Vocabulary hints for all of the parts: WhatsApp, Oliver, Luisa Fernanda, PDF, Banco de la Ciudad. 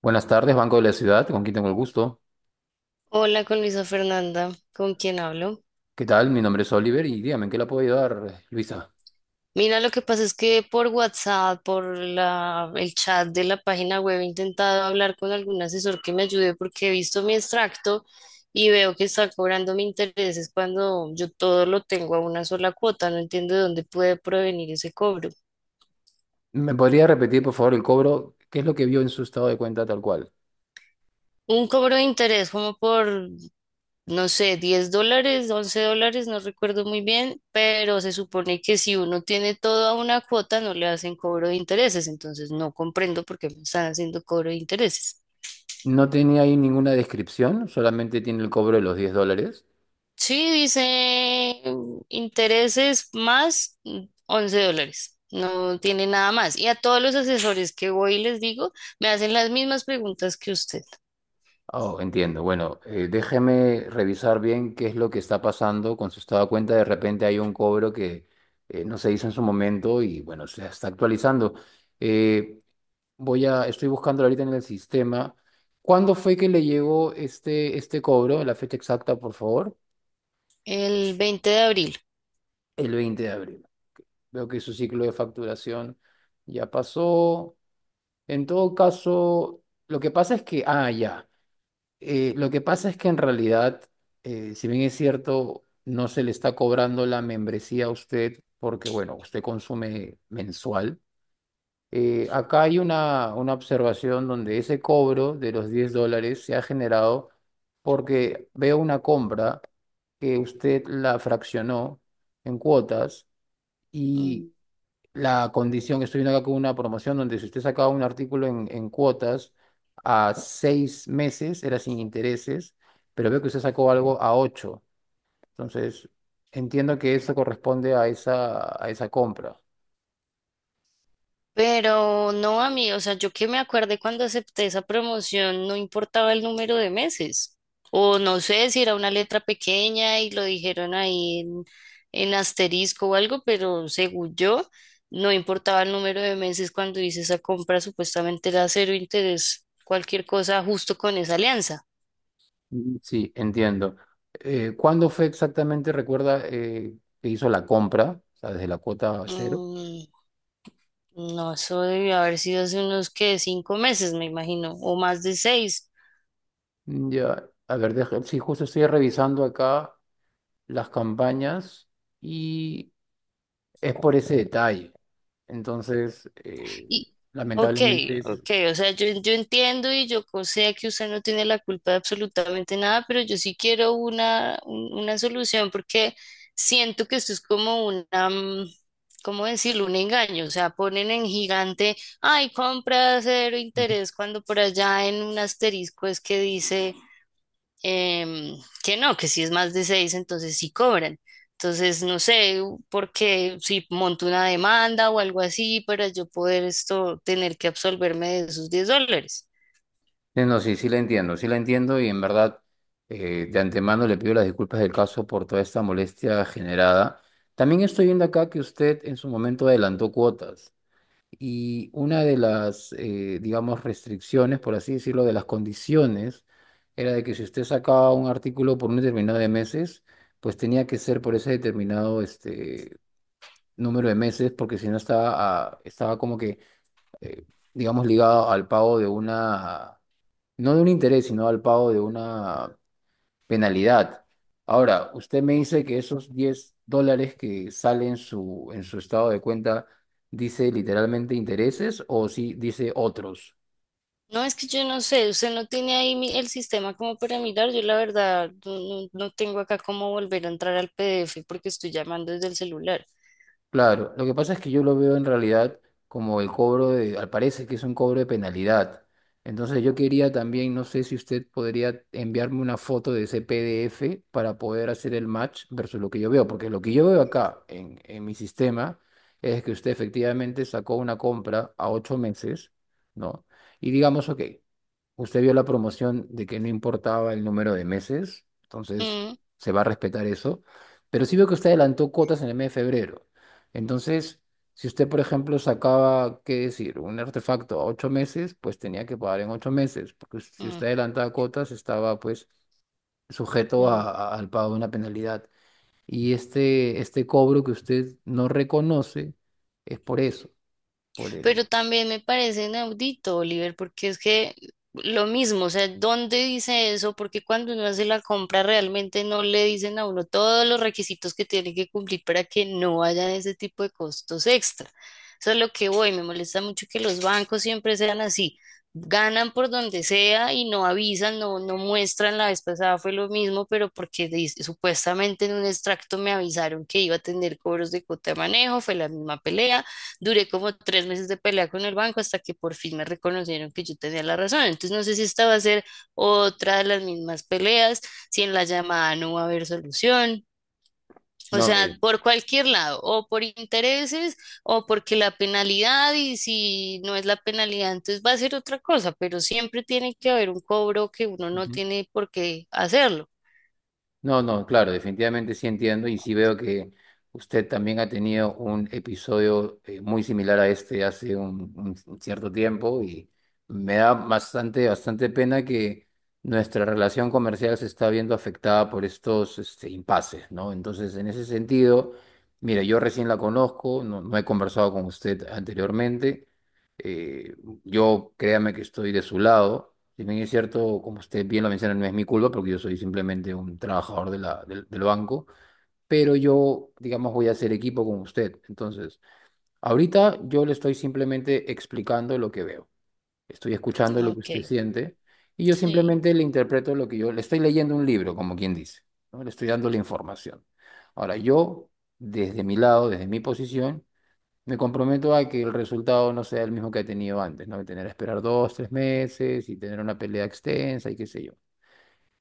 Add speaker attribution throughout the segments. Speaker 1: Buenas tardes, Banco de la Ciudad, con quien tengo el gusto.
Speaker 2: Hola con Luisa Fernanda, ¿con quién hablo?
Speaker 1: ¿Qué tal? Mi nombre es Oliver y dígame, ¿en qué la puedo ayudar, Luisa?
Speaker 2: Mira, lo que pasa es que por WhatsApp, por la, el chat de la página web, he intentado hablar con algún asesor que me ayude porque he visto mi extracto y veo que está cobrando mi intereses cuando yo todo lo tengo a una sola cuota. No entiendo de dónde puede provenir ese cobro.
Speaker 1: ¿Me podría repetir, por favor, el cobro? ¿Qué es lo que vio en su estado de cuenta tal cual?
Speaker 2: Un cobro de interés como por no sé, $10, $11, no recuerdo muy bien, pero se supone que si uno tiene toda una cuota no le hacen cobro de intereses, entonces no comprendo por qué me están haciendo cobro de intereses.
Speaker 1: No tenía ahí ninguna descripción, solamente tiene el cobro de los diez dólares.
Speaker 2: Sí, dice intereses más $11, no tiene nada más. Y a todos los asesores que voy y les digo, me hacen las mismas preguntas que usted.
Speaker 1: Oh, entiendo. Bueno, déjeme revisar bien qué es lo que está pasando con su estado de cuenta. De repente hay un cobro que no se hizo en su momento y, bueno, se está actualizando. Eh, estoy buscando ahorita en el sistema. ¿Cuándo fue que le llegó este cobro? La fecha exacta, por favor.
Speaker 2: El 20 de abril.
Speaker 1: El 20 de abril. Veo que su ciclo de facturación ya pasó. En todo caso, lo que pasa es que, ah, ya. Lo que pasa es que en realidad, si bien es cierto, no se le está cobrando la membresía a usted porque, bueno, usted consume mensual. Acá hay una observación donde ese cobro de los 10 dólares se ha generado porque veo una compra que usted la fraccionó en cuotas y
Speaker 2: Mm.
Speaker 1: la condición, estoy viendo acá con una promoción donde si usted sacaba un artículo en cuotas a 6 meses era sin intereses, pero veo que usted sacó algo a ocho. Entonces, entiendo que eso corresponde a a esa compra.
Speaker 2: Pero no a mí, o sea, yo que me acuerde cuando acepté esa promoción, no importaba el número de meses. O no sé si era una letra pequeña y lo dijeron ahí en asterisco o algo, pero según yo, no importaba el número de meses cuando hice esa compra, supuestamente era cero interés, cualquier cosa justo con esa alianza.
Speaker 1: Mm, sí, entiendo. ¿Cuándo fue exactamente, recuerda, que hizo la compra? O sea, desde la cuota cero.
Speaker 2: Mm, no, eso debió haber sido hace unos que 5 meses, me imagino, o más de seis.
Speaker 1: Ya, a ver, sí, justo estoy revisando acá las campañas y es por ese detalle. Entonces,
Speaker 2: Y, ok,
Speaker 1: lamentablemente es...
Speaker 2: ok, o sea, yo entiendo y yo co- sé que usted no tiene la culpa de absolutamente nada, pero yo sí quiero una, un- una solución porque siento que esto es como una, ¿cómo decirlo? Un engaño, o sea, ponen en gigante, ay, compra a cero
Speaker 1: Ujú.
Speaker 2: interés, cuando por allá en un asterisco es que dice em, que no, que si es más de seis, entonces sí cobran. Entonces, no sé por qué, si monto una demanda o algo así para yo poder esto, tener que absolverme de esos $10.
Speaker 1: Sí, no, sí, sí la entiendo y en verdad de antemano le pido las disculpas del caso por toda esta molestia generada. También estoy viendo acá que usted en su momento adelantó cuotas. Y una de las, digamos, restricciones, por así decirlo, de las condiciones, era de que si usted sacaba un artículo por un determinado de meses, pues tenía que ser por ese determinado este, número de meses, porque si no estaba, ah, estaba como que, eh, digamos, ligado al pago de una, no de un interés, sino al pago de una penalidad. Ahora, usted me dice que esos 10 dólares que salen en en su estado de cuenta dice literalmente intereses o si dice otros.
Speaker 2: No, es que yo no sé, usted no tiene ahí mi- el sistema como para mirar, yo la verdad no, no- no tengo acá cómo volver a entrar al PDF porque estoy llamando desde el celular.
Speaker 1: Claro, lo que pasa es que yo lo veo en realidad como el cobro de, al parecer que es un cobro de penalidad. Entonces yo quería también, no sé si usted podría enviarme una foto de ese PDF para poder hacer el match versus lo que yo veo, porque lo que yo veo acá en mi sistema es que usted efectivamente sacó una compra a ocho meses, ¿no? Y digamos, ok, usted vio la promoción de que no importaba el número de meses, entonces
Speaker 2: Mm,
Speaker 1: se va a respetar eso, pero sí veo que usted adelantó cuotas en el mes de febrero. Entonces, si usted, por ejemplo, sacaba, qué decir, un artefacto a ocho meses, pues tenía que pagar en ocho meses, porque si
Speaker 2: mm.
Speaker 1: usted adelantaba cuotas, estaba pues sujeto
Speaker 2: mm.
Speaker 1: al pago de una penalidad. Y este cobro que usted no reconoce es por eso, por el...
Speaker 2: Pero también me parece inaudito, Oliver, porque es que lo mismo, o sea, ¿dónde dice eso? Porque cuando uno hace la compra realmente no le dicen a uno todos los requisitos que tiene que cumplir para que no haya ese tipo de costos extra. Eso es lo que voy, me molesta mucho que los bancos siempre sean así. Ganan por donde sea y no avisan, no muestran. La vez pasada fue lo mismo, pero porque dice- supuestamente en un extracto me avisaron que iba a tener cobros de cuota de manejo, fue la misma pelea. Duré como 3 meses de pelea con el banco hasta que por fin me reconocieron que yo tenía la razón. Entonces no sé si esta va a ser otra de las mismas peleas, si en la llamada no va a haber solución. O
Speaker 1: No, mire.
Speaker 2: sea, por cualquier lado, o por intereses, o porque la penalidad, y si no es la penalidad, entonces va a ser otra cosa, pero siempre tiene que haber un cobro que uno no tiene por qué hacerlo.
Speaker 1: No, no, claro, definitivamente sí entiendo y sí veo que usted también ha tenido un episodio muy similar a este hace un cierto tiempo y me da bastante, bastante pena que nuestra relación comercial se está viendo afectada por impases, ¿no? Entonces, en ese sentido, mire, yo recién la conozco, no he conversado con usted anteriormente. eh, yo créame que estoy de su lado. Si bien es cierto, como usted bien lo menciona, no es mi culpa porque yo soy simplemente un trabajador de la, del banco, pero yo, digamos, voy a hacer equipo con usted. Entonces, ahorita yo le estoy simplemente explicando lo que veo. Estoy escuchando lo que
Speaker 2: Ok,
Speaker 1: usted siente y yo
Speaker 2: sí.
Speaker 1: simplemente le interpreto lo que yo le estoy leyendo un libro, como quien dice, ¿no? Le estoy dando la información. Ahora, yo, desde mi lado, desde mi posición, me comprometo a que el resultado no sea el mismo que he tenido antes, ¿no? Tener que esperar dos, tres meses y tener una pelea extensa y qué sé yo.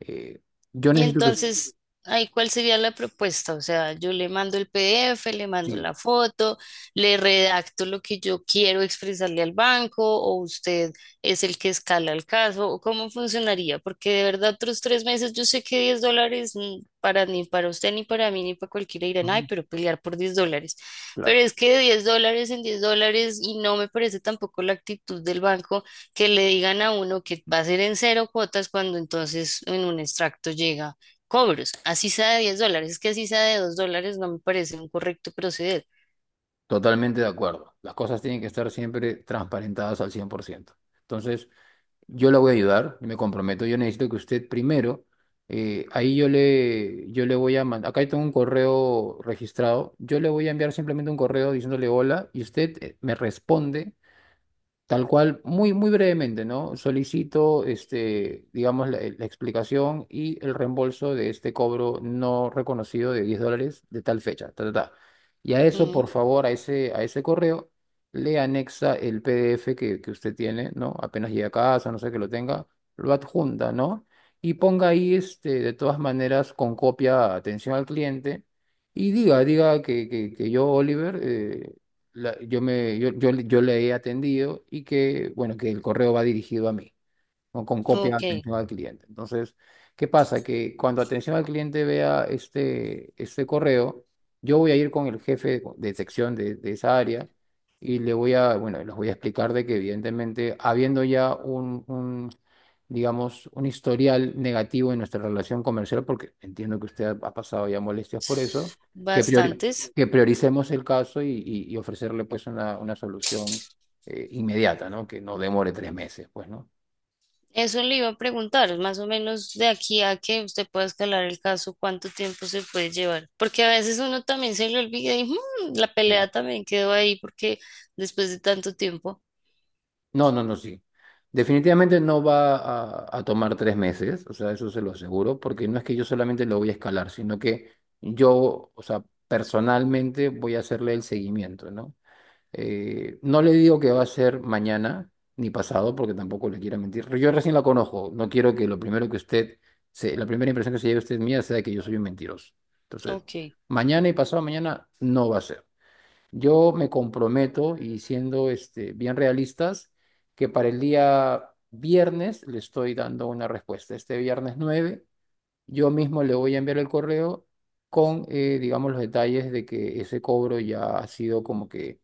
Speaker 1: Eh, yo
Speaker 2: Y
Speaker 1: necesito que...
Speaker 2: entonces, ahí cuál sería la propuesta. O sea, yo le mando el PDF, le mando
Speaker 1: Sí,
Speaker 2: la foto, le redacto lo que yo quiero expresarle al banco, o usted es el que escala el caso, o cómo funcionaría, porque de verdad otros 3 meses, yo sé que $10, para ni para usted, ni para mí, ni para cualquiera, dirán, ay,
Speaker 1: ujú,
Speaker 2: pero pelear por $10. Pero
Speaker 1: claro,
Speaker 2: es que de $10 en $10, y no me parece tampoco la actitud del banco que le digan a uno que va a ser en cero cuotas cuando entonces en un extracto llega cobros, así sea de $10, es que así sea de $2 no me parece un correcto proceder.
Speaker 1: totalmente de acuerdo. Las cosas tienen que estar siempre transparentadas al 100%. Entonces, yo la voy a ayudar, y me comprometo. Yo necesito que usted primero, ahí yo le voy a mandar, acá tengo un correo registrado, yo le voy a enviar simplemente un correo diciéndole hola y usted me responde tal cual, muy, muy brevemente, ¿no? Solicito, este, digamos, la explicación y el reembolso de este cobro no reconocido de 10 dólares de tal fecha. Ta, ta, ta. Y a eso,
Speaker 2: Mm,
Speaker 1: por favor, a ese correo, le anexa el PDF que usted tiene, ¿no? Apenas llegue a casa, no sé que lo tenga, lo adjunta, ¿no? Y ponga ahí, este, de todas maneras, con copia, atención al cliente. Y diga que yo, Oliver, la- yo, me, yo le he atendido y que, bueno, que el correo va dirigido a mí o con copia
Speaker 2: ok,
Speaker 1: de atención al cliente. Entonces, ¿qué pasa? Que cuando atención al cliente vea este correo, yo voy a ir con el jefe de, sección de esa área y le voy a, bueno, les voy a explicar de que evidentemente, habiendo ya digamos, un historial negativo en nuestra relación comercial, porque entiendo que usted ha pasado ya molestias por eso, que priori-
Speaker 2: bastantes.
Speaker 1: que prioricemos el caso y ofrecerle pues una solución inmediata, ¿no? Que no demore tres meses, pues, ¿no?
Speaker 2: Eso le iba a preguntar, más o menos de aquí a que usted pueda escalar el caso, cuánto tiempo se puede llevar, porque a veces uno también se le olvida y "Mm, la pelea también quedó ahí porque después de tanto tiempo".
Speaker 1: No, no, no, sí. Definitivamente no va a tomar tres meses, o sea, eso se lo aseguro, porque no es que yo solamente lo voy a escalar, sino que yo, o sea, personalmente voy a hacerle el seguimiento, ¿no? No le digo que va a ser mañana ni pasado, porque tampoco le quiero mentir. Yo recién la conozco, no quiero que lo primero que usted, se, la primera impresión que se lleve usted mía sea que yo soy un mentiroso. Entonces,
Speaker 2: Ok,
Speaker 1: mañana y pasado mañana no va a ser. Yo me comprometo, y siendo este, bien realistas, que para el día viernes le estoy dando una respuesta. Este viernes 9, yo mismo le voy a enviar el correo con, digamos, los detalles de que ese cobro ya ha sido como que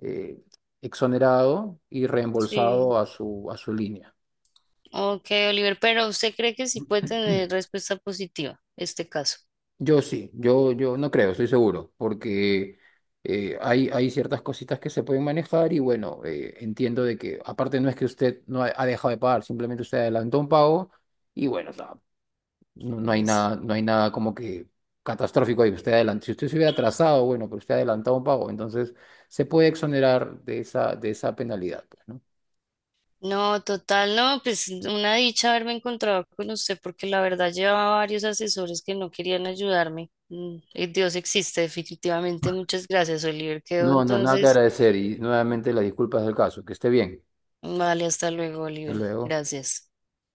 Speaker 1: eh, exonerado y
Speaker 2: sí.
Speaker 1: reembolsado a a su línea.
Speaker 2: Ok, Oliver, pero ¿usted cree que sí puede tener respuesta positiva este caso?
Speaker 1: Yo sí, yo no creo, estoy seguro, porque hay ciertas cositas que se pueden manejar y bueno, entiendo de que aparte no es que usted no ha dejado de pagar, simplemente usted adelantó un pago y bueno, o sea, no hay
Speaker 2: Es-
Speaker 1: nada, no hay nada como que catastrófico ahí. Usted adelantó, si usted se hubiera atrasado, bueno, pero usted ha adelantado un pago, entonces se puede exonerar de de esa penalidad, pues, ¿no?
Speaker 2: No, total, no, pues una dicha haberme encontrado con usted porque la verdad llevaba varios asesores que no querían ayudarme. Mm, y Dios existe, definitivamente. Muchas gracias, Oliver. Quedó
Speaker 1: No, no, nada que
Speaker 2: entonces.
Speaker 1: agradecer y nuevamente las disculpas del caso. Que esté bien.
Speaker 2: Vale, hasta luego,
Speaker 1: Hasta
Speaker 2: Oliver.
Speaker 1: luego.
Speaker 2: Gracias.